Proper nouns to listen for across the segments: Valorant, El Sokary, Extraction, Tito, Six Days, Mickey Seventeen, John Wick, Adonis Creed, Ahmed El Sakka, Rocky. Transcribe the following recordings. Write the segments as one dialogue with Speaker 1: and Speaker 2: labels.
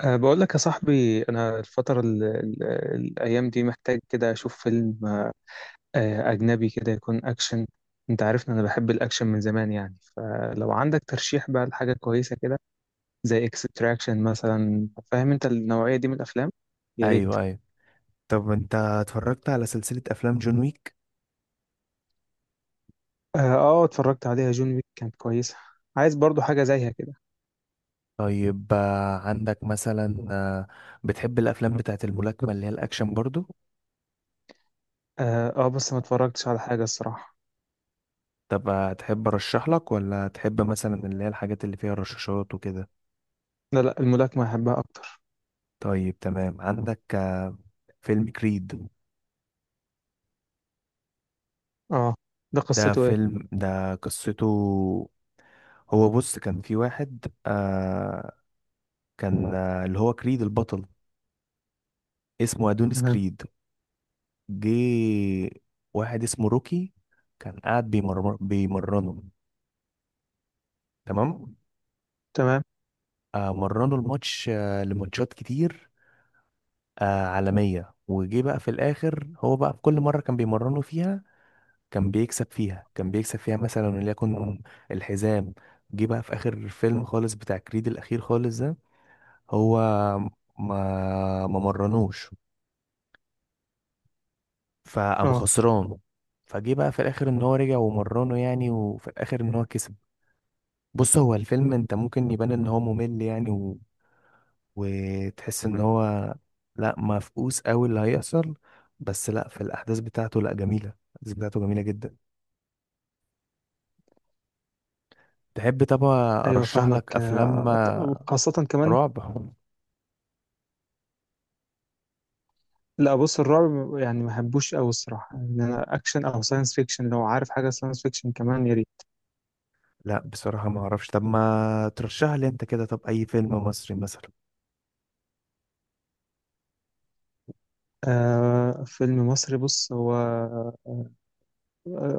Speaker 1: بقول لك يا صاحبي، أنا الفترة ال ال الأيام دي محتاج كده أشوف فيلم أجنبي كده يكون أكشن. أنت عارف إن أنا بحب الأكشن من زمان، يعني فلو عندك ترشيح بقى لحاجة كويسة كده زي إكستراكشن مثلا، فاهم أنت النوعية دي من الأفلام؟ يا ريت.
Speaker 2: ايوه، طب انت اتفرجت على سلسلة افلام جون ويك؟
Speaker 1: أه آه، اتفرجت عليها جون ويك، كانت كويسة. عايز برضو حاجة زيها كده.
Speaker 2: طيب عندك مثلا، بتحب الافلام بتاعت الملاكمة اللي هي الاكشن برضو؟
Speaker 1: أه آه، بس ما اتفرجتش على حاجة الصراحة.
Speaker 2: طب تحب ارشح لك ولا تحب مثلا اللي هي الحاجات اللي فيها رشاشات وكده؟
Speaker 1: لا لا، الملاكمة أحبها أكتر.
Speaker 2: طيب تمام، عندك فيلم كريد.
Speaker 1: أه، ده
Speaker 2: ده
Speaker 1: قصته إيه؟
Speaker 2: فيلم ده قصته، هو بص كان في واحد كان اللي هو كريد البطل، اسمه ادونيس
Speaker 1: تمام.
Speaker 2: كريد. جه واحد اسمه روكي كان قاعد بيمرنه، تمام.
Speaker 1: تمام.
Speaker 2: آه مرنه الماتش، لماتشات كتير عالمية، وجه بقى في الآخر هو بقى في كل مرة كان بيمرنه فيها كان بيكسب فيها كان بيكسب فيها مثلا وليكن الحزام. جه بقى في آخر فيلم خالص بتاع كريد الأخير خالص ده، هو ما مرنوش فقام
Speaker 1: أه.
Speaker 2: خسران. فجه بقى في الآخر إن هو رجع ومرنه يعني، وفي الآخر إن هو كسب. بص هو الفيلم انت ممكن يبان ان هو ممل يعني و... وتحس ان هو لا مفقوس قوي اللي هيحصل، بس لا في الاحداث بتاعته، لا جميلة، الاحداث بتاعته جميلة جدا. تحب طبعا
Speaker 1: ايوه
Speaker 2: ارشح
Speaker 1: فاهمك،
Speaker 2: لك افلام
Speaker 1: وخاصة كمان.
Speaker 2: رعب؟
Speaker 1: لا بص، الرعب يعني ما بحبوش قوي الصراحة، ان انا اكشن او ساينس فيكشن، لو عارف حاجة ساينس فيكشن كمان يا ريت.
Speaker 2: لا بصراحة ما اعرفش، طب ما ترشح لي انت كده، طب اي فيلم مصري مثلا؟
Speaker 1: فيلم مصري، بص هو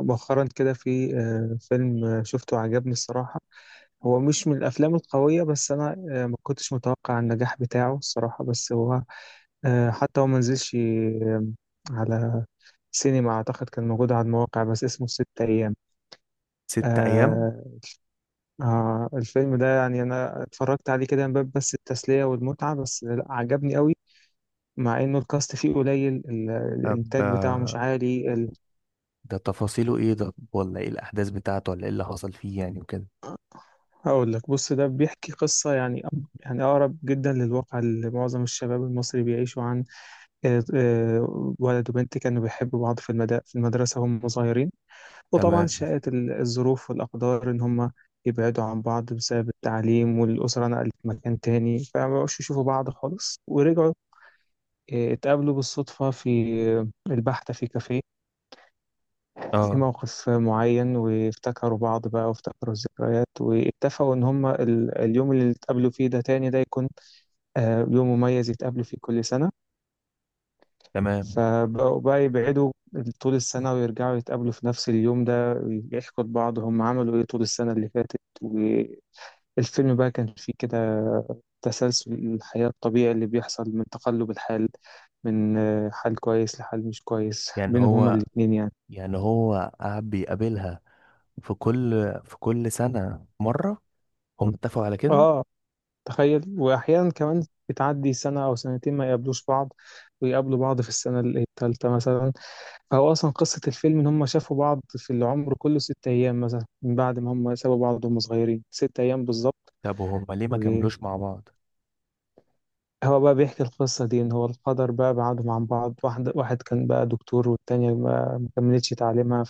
Speaker 1: مؤخرا كده في فيلم شفته عجبني الصراحة. هو مش من الافلام القوية، بس انا ما كنتش متوقع النجاح بتاعه الصراحة، بس هو حتى هو ما نزلش على سينما، اعتقد كان موجود على المواقع، بس اسمه ست ايام.
Speaker 2: ست ايام؟
Speaker 1: آه. الفيلم ده يعني انا اتفرجت عليه كده من باب بس التسليه والمتعه، بس لا عجبني قوي، مع انه الكاست فيه قليل،
Speaker 2: طب،
Speaker 1: الانتاج بتاعه مش عالي
Speaker 2: ده تفاصيله ايه ده، ولا ايه الاحداث بتاعته، ولا ايه اللي حصل فيه يعني وكده؟
Speaker 1: هقول لك. بص، ده بيحكي قصه يعني يعني اقرب جدا للواقع اللي معظم الشباب المصري بيعيشوا عن. ولد وبنت كانوا بيحبوا بعض في في المدرسه وهم صغيرين، وطبعا
Speaker 2: تمام.
Speaker 1: شاءت الظروف والاقدار ان هم يبعدوا عن بعض بسبب التعليم، والأسرة نقلت مكان تاني فمبقوش يشوفوا بعض خالص، ورجعوا اتقابلوا بالصدفة في البحث في كافيه، في
Speaker 2: اه،
Speaker 1: موقف معين، وافتكروا بعض بقى وافتكروا الذكريات، واتفقوا إن هما اليوم اللي اتقابلوا فيه ده تاني ده يكون يوم مميز يتقابلوا فيه كل سنة.
Speaker 2: تمام.
Speaker 1: فبقوا بقى يبعدوا طول السنة ويرجعوا يتقابلوا في نفس اليوم ده، يحكوا لبعض هم عملوا إيه طول السنة اللي فاتت. الفيلم بقى كان فيه كده تسلسل الحياة الطبيعي اللي بيحصل من تقلب الحال، من حال كويس لحال مش كويس
Speaker 2: يعني
Speaker 1: بينهم هما
Speaker 2: هو
Speaker 1: الاتنين يعني.
Speaker 2: يعني هو قعد بيقابلها في كل سنة مرة؟ هم اتفقوا على كده؟
Speaker 1: اه تخيل. وأحيانا كمان بتعدي سنة أو سنتين ما يقابلوش بعض ويقابلوا بعض في السنة التالتة مثلا. فهو أصلا قصة الفيلم إن هما شافوا بعض في العمر كله ست أيام مثلا، من بعد ما هما سابوا بعض وهم صغيرين، ست أيام بالظبط.
Speaker 2: طب وهم ليه ما كملوش مع بعض؟
Speaker 1: هو بقى بيحكي القصة دي إن هو القدر بقى بعدهم عن بعض، واحد واحد كان بقى دكتور والتانية ما كملتش تعليمها،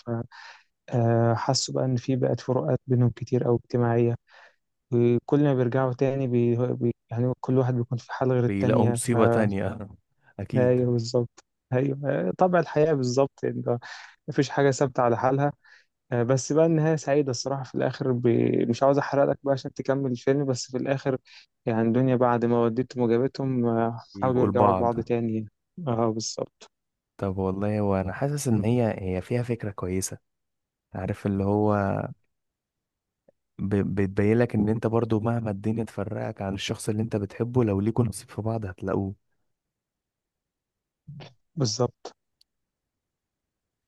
Speaker 1: فحسوا بقى إن في بقت فروقات بينهم كتير أو اجتماعية. وكل ما بيرجعوا تاني يعني كل واحد بيكون في حال غير
Speaker 2: بيلاقوا
Speaker 1: التانية ف.
Speaker 2: مصيبة تانية أكيد.
Speaker 1: أيوه بالظبط. أيوه طبع الحياة بالظبط، إن مفيش حاجة ثابتة على حالها. بس بقى النهاية سعيدة الصراحة في الآخر مش عاوز أحرق لك بقى عشان تكمل الفيلم، بس في الآخر يعني دنيا بعد ما وديتهم وجابتهم حاولوا
Speaker 2: يبقوا
Speaker 1: يرجعوا
Speaker 2: لبعض.
Speaker 1: لبعض تاني. اه بالظبط.
Speaker 2: طب والله وأنا حاسس إن هي فيها فكرة كويسة، عارف اللي هو بتبين لك إن أنت برضو مهما الدنيا تفرقك عن الشخص اللي أنت بتحبه لو ليكوا نصيب في بعض هتلاقوه.
Speaker 1: بالظبط.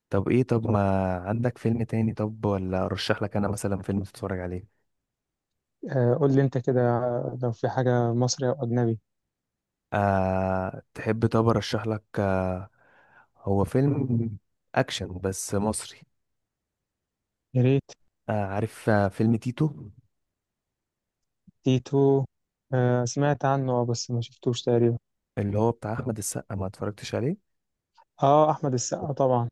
Speaker 2: طب إيه، طب ما عندك فيلم تاني، طب ولا أرشح لك أنا مثلا فيلم تتفرج عليه؟
Speaker 1: آه قول لي أنت كده، لو في حاجة مصري أو أجنبي
Speaker 2: تحب طب ارشح لك، هو فيلم اكشن بس مصري.
Speaker 1: يا ريت.
Speaker 2: عارف فيلم تيتو؟
Speaker 1: تيتو، آه سمعت عنه اه، بس ما شفتوش تقريبا.
Speaker 2: اللي هو بتاع احمد السقا، ما اتفرجتش عليه؟
Speaker 1: اه أحمد السقا طبعا.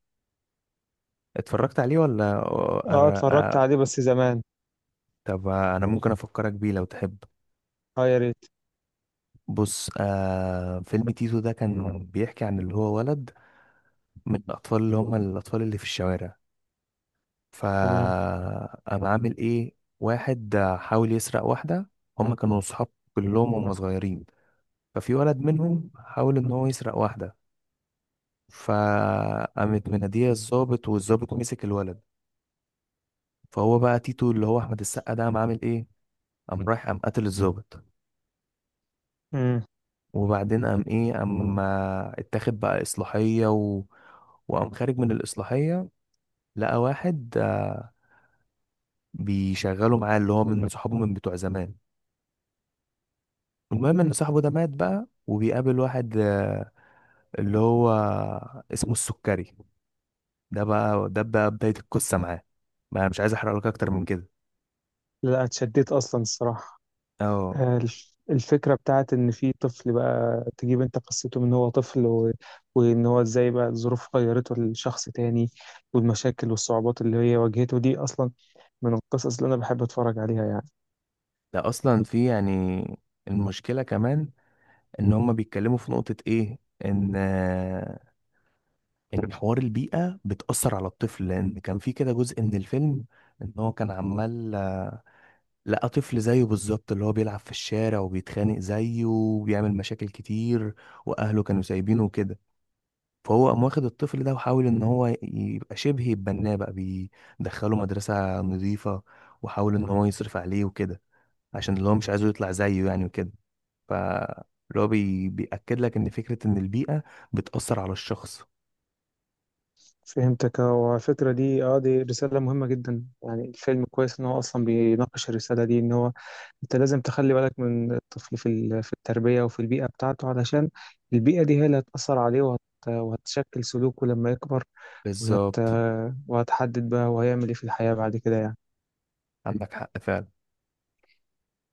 Speaker 2: اتفرجت عليه ولا
Speaker 1: اه
Speaker 2: أنا...
Speaker 1: اتفرجت عليه
Speaker 2: آه.
Speaker 1: بس زمان.
Speaker 2: طب انا ممكن افكرك بيه لو تحب.
Speaker 1: اه يا ريت.
Speaker 2: بص فيلم تيتو ده كان بيحكي عن اللي هو ولد من الاطفال اللي هم الاطفال اللي في الشوارع،
Speaker 1: تمام.
Speaker 2: فقام عامل ايه واحد حاول يسرق واحدة. هم كانوا صحاب كلهم هم صغيرين، ففي ولد منهم حاول ان هو يسرق واحده فقامت مناديه الضابط، والضابط مسك الولد. فهو بقى تيتو اللي هو احمد السقا ده قام عامل ايه، قام رايح قام قتل الضابط.
Speaker 1: مم.
Speaker 2: وبعدين قام ايه، قام اتاخد بقى اصلاحيه و... وقام خارج من الاصلاحيه، لقى واحد بيشغله معاه اللي هو من صحابه من بتوع زمان. المهم ان صاحبه ده مات بقى، وبيقابل واحد اللي هو اسمه السكري. ده بقى ده بقى بدايه القصه معاه، ما مش عايز احرق لك اكتر من كده.
Speaker 1: لا اتشديت أصلا الصراحة.
Speaker 2: اه.
Speaker 1: الفكرة بتاعت إن في طفل بقى تجيب أنت قصته من هو طفل وإن هو إزاي بقى الظروف غيرته لشخص تاني، والمشاكل والصعوبات اللي هي واجهته دي أصلا من القصص اللي أنا بحب أتفرج عليها يعني.
Speaker 2: ده اصلا في يعني المشكله كمان ان هما بيتكلموا في نقطه ايه، ان ان حوار البيئه بتاثر على الطفل، لان كان في كده جزء من الفيلم ان هو كان عمال لقى طفل زيه بالظبط اللي هو بيلعب في الشارع وبيتخانق زيه وبيعمل مشاكل كتير، واهله كانوا سايبينه وكده. فهو قام واخد الطفل ده وحاول ان هو يبقى شبه يتبناه بقى، بيدخله مدرسه نظيفه وحاول ان هو يصرف عليه وكده، عشان اللي هو مش عايزه يطلع زيه يعني وكده. فاللي هو بي... بيأكد لك ان فكرة ان البيئة بتأثر على الشخص.
Speaker 1: فهمتك. هو الفكرة دي أه، دي رسالة مهمة جدا يعني. الفيلم كويس إن هو أصلا بيناقش الرسالة دي، إن هو أنت لازم تخلي بالك من الطفل في في التربية وفي البيئة بتاعته، علشان البيئة دي هي اللي هتأثر عليه وهتشكل سلوكه لما يكبر، وهت...
Speaker 2: بالظبط.
Speaker 1: وهتحدد بقى هو هيعمل ايه في الحياة بعد كده يعني.
Speaker 2: عندك حق فعلا.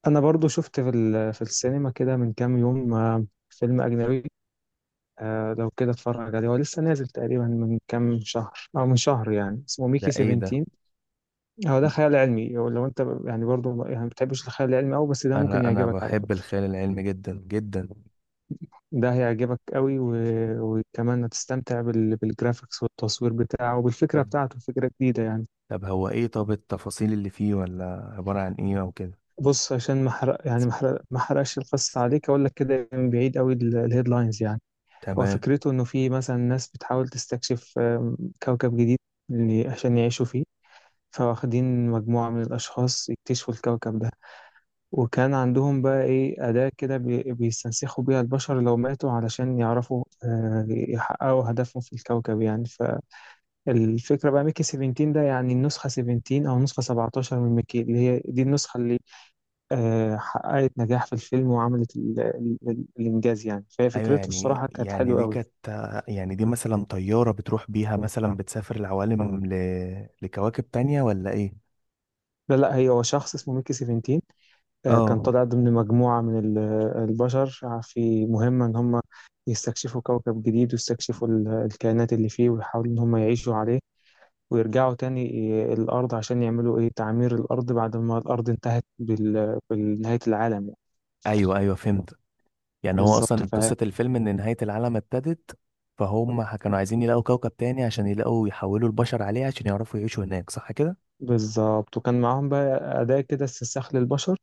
Speaker 1: انا برضو شفت في في السينما كده من كام يوم فيلم اجنبي، لو كده اتفرج عليه، هو لسه نازل تقريبا من كام شهر او من شهر يعني، اسمه ميكي
Speaker 2: ده ايه ده؟
Speaker 1: 17. هو ده خيال علمي، هو لو انت يعني برضو يعني ما بتحبش الخيال العلمي قوي، بس ده ممكن
Speaker 2: انا
Speaker 1: يعجبك على
Speaker 2: بحب
Speaker 1: فكرة.
Speaker 2: الخيال العلمي جدا جدا.
Speaker 1: ده هيعجبك قوي وكمان هتستمتع بالجرافيكس والتصوير بتاعه وبالفكرة
Speaker 2: طب،
Speaker 1: بتاعته، فكرة جديدة يعني.
Speaker 2: طب هو ايه، طب التفاصيل اللي فيه ولا عبارة عن ايه او كده؟
Speaker 1: بص عشان ما حرق يعني ما حرقش القصة عليك، اقول لك كده من بعيد قوي الهيدلاينز يعني. هو
Speaker 2: تمام.
Speaker 1: فكرته انه في مثلا ناس بتحاول تستكشف كوكب جديد عشان يعيشوا فيه، فواخدين مجموعة من الأشخاص يكتشفوا الكوكب ده. وكان عندهم بقى إيه أداة كده بيستنسخوا بيها البشر لو ماتوا، علشان يعرفوا يحققوا هدفهم في الكوكب يعني. فالفكرة بقى ميكي 17 ده، يعني النسخة 17 أو نسخة 17 من ميكي، اللي هي دي النسخة اللي حققت نجاح في الفيلم وعملت الإنجاز يعني. فهي
Speaker 2: ايوه،
Speaker 1: فكرته
Speaker 2: يعني
Speaker 1: الصراحة كانت
Speaker 2: يعني
Speaker 1: حلوة
Speaker 2: دي
Speaker 1: قوي.
Speaker 2: كانت، يعني دي مثلا طيارة بتروح بيها مثلا بتسافر العوالم ل... لكواكب تانية ولا ايه؟
Speaker 1: لا لا، هي هو شخص اسمه ميكي سيفنتين، كان
Speaker 2: اه.
Speaker 1: طالع ضمن مجموعة من البشر في مهمة إن هم يستكشفوا كوكب جديد ويستكشفوا الكائنات اللي فيه، ويحاولوا إن هم يعيشوا عليه ويرجعوا تاني الأرض عشان يعملوا إيه تعمير الأرض، بعد ما الأرض انتهت بنهاية العالم يعني.
Speaker 2: ايوه، فهمت، يعني هو
Speaker 1: بالظبط
Speaker 2: اصلا قصة الفيلم ان نهاية العالم ابتدت، فهم كانوا عايزين يلاقوا كوكب تاني عشان يلاقوا يحولوا البشر عليه عشان يعرفوا يعيشوا هناك، صح كده؟
Speaker 1: بالظبط. وكان معاهم بقى أداة كده استنساخ للبشر،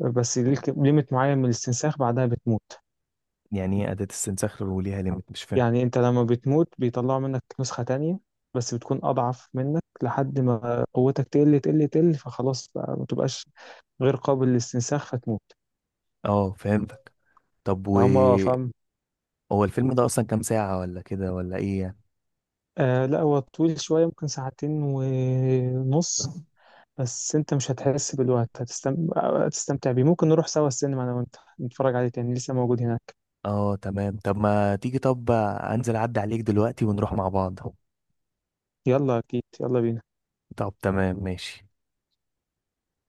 Speaker 1: بس ليك ليميت معين من الاستنساخ بعدها بتموت.
Speaker 2: يعني ايه أداة استنساخ وليها ليميت، مش فاهم.
Speaker 1: يعني انت لما بتموت بيطلعوا منك نسخة تانية، بس بتكون أضعف منك لحد ما قوتك تقل تقل تقل، فخلاص بقى ما تبقاش غير قابل للاستنساخ فتموت.
Speaker 2: اه فهمتك. طب و،
Speaker 1: فهم اه فاهم.
Speaker 2: هو الفيلم ده اصلا كام ساعة ولا كده ولا ايه يعني؟
Speaker 1: آه لا، هو طويل شوية، ممكن ساعتين ونص، بس انت مش هتحس بالوقت، هتستمتع بيه. ممكن نروح سوا السينما انا وانت نتفرج عليه تاني، لسه موجود هناك.
Speaker 2: اه تمام، طب ما تيجي، طب انزل اعدي عليك دلوقتي ونروح مع بعض.
Speaker 1: يلا اكيد، يلا بينا.
Speaker 2: طب تمام ماشي.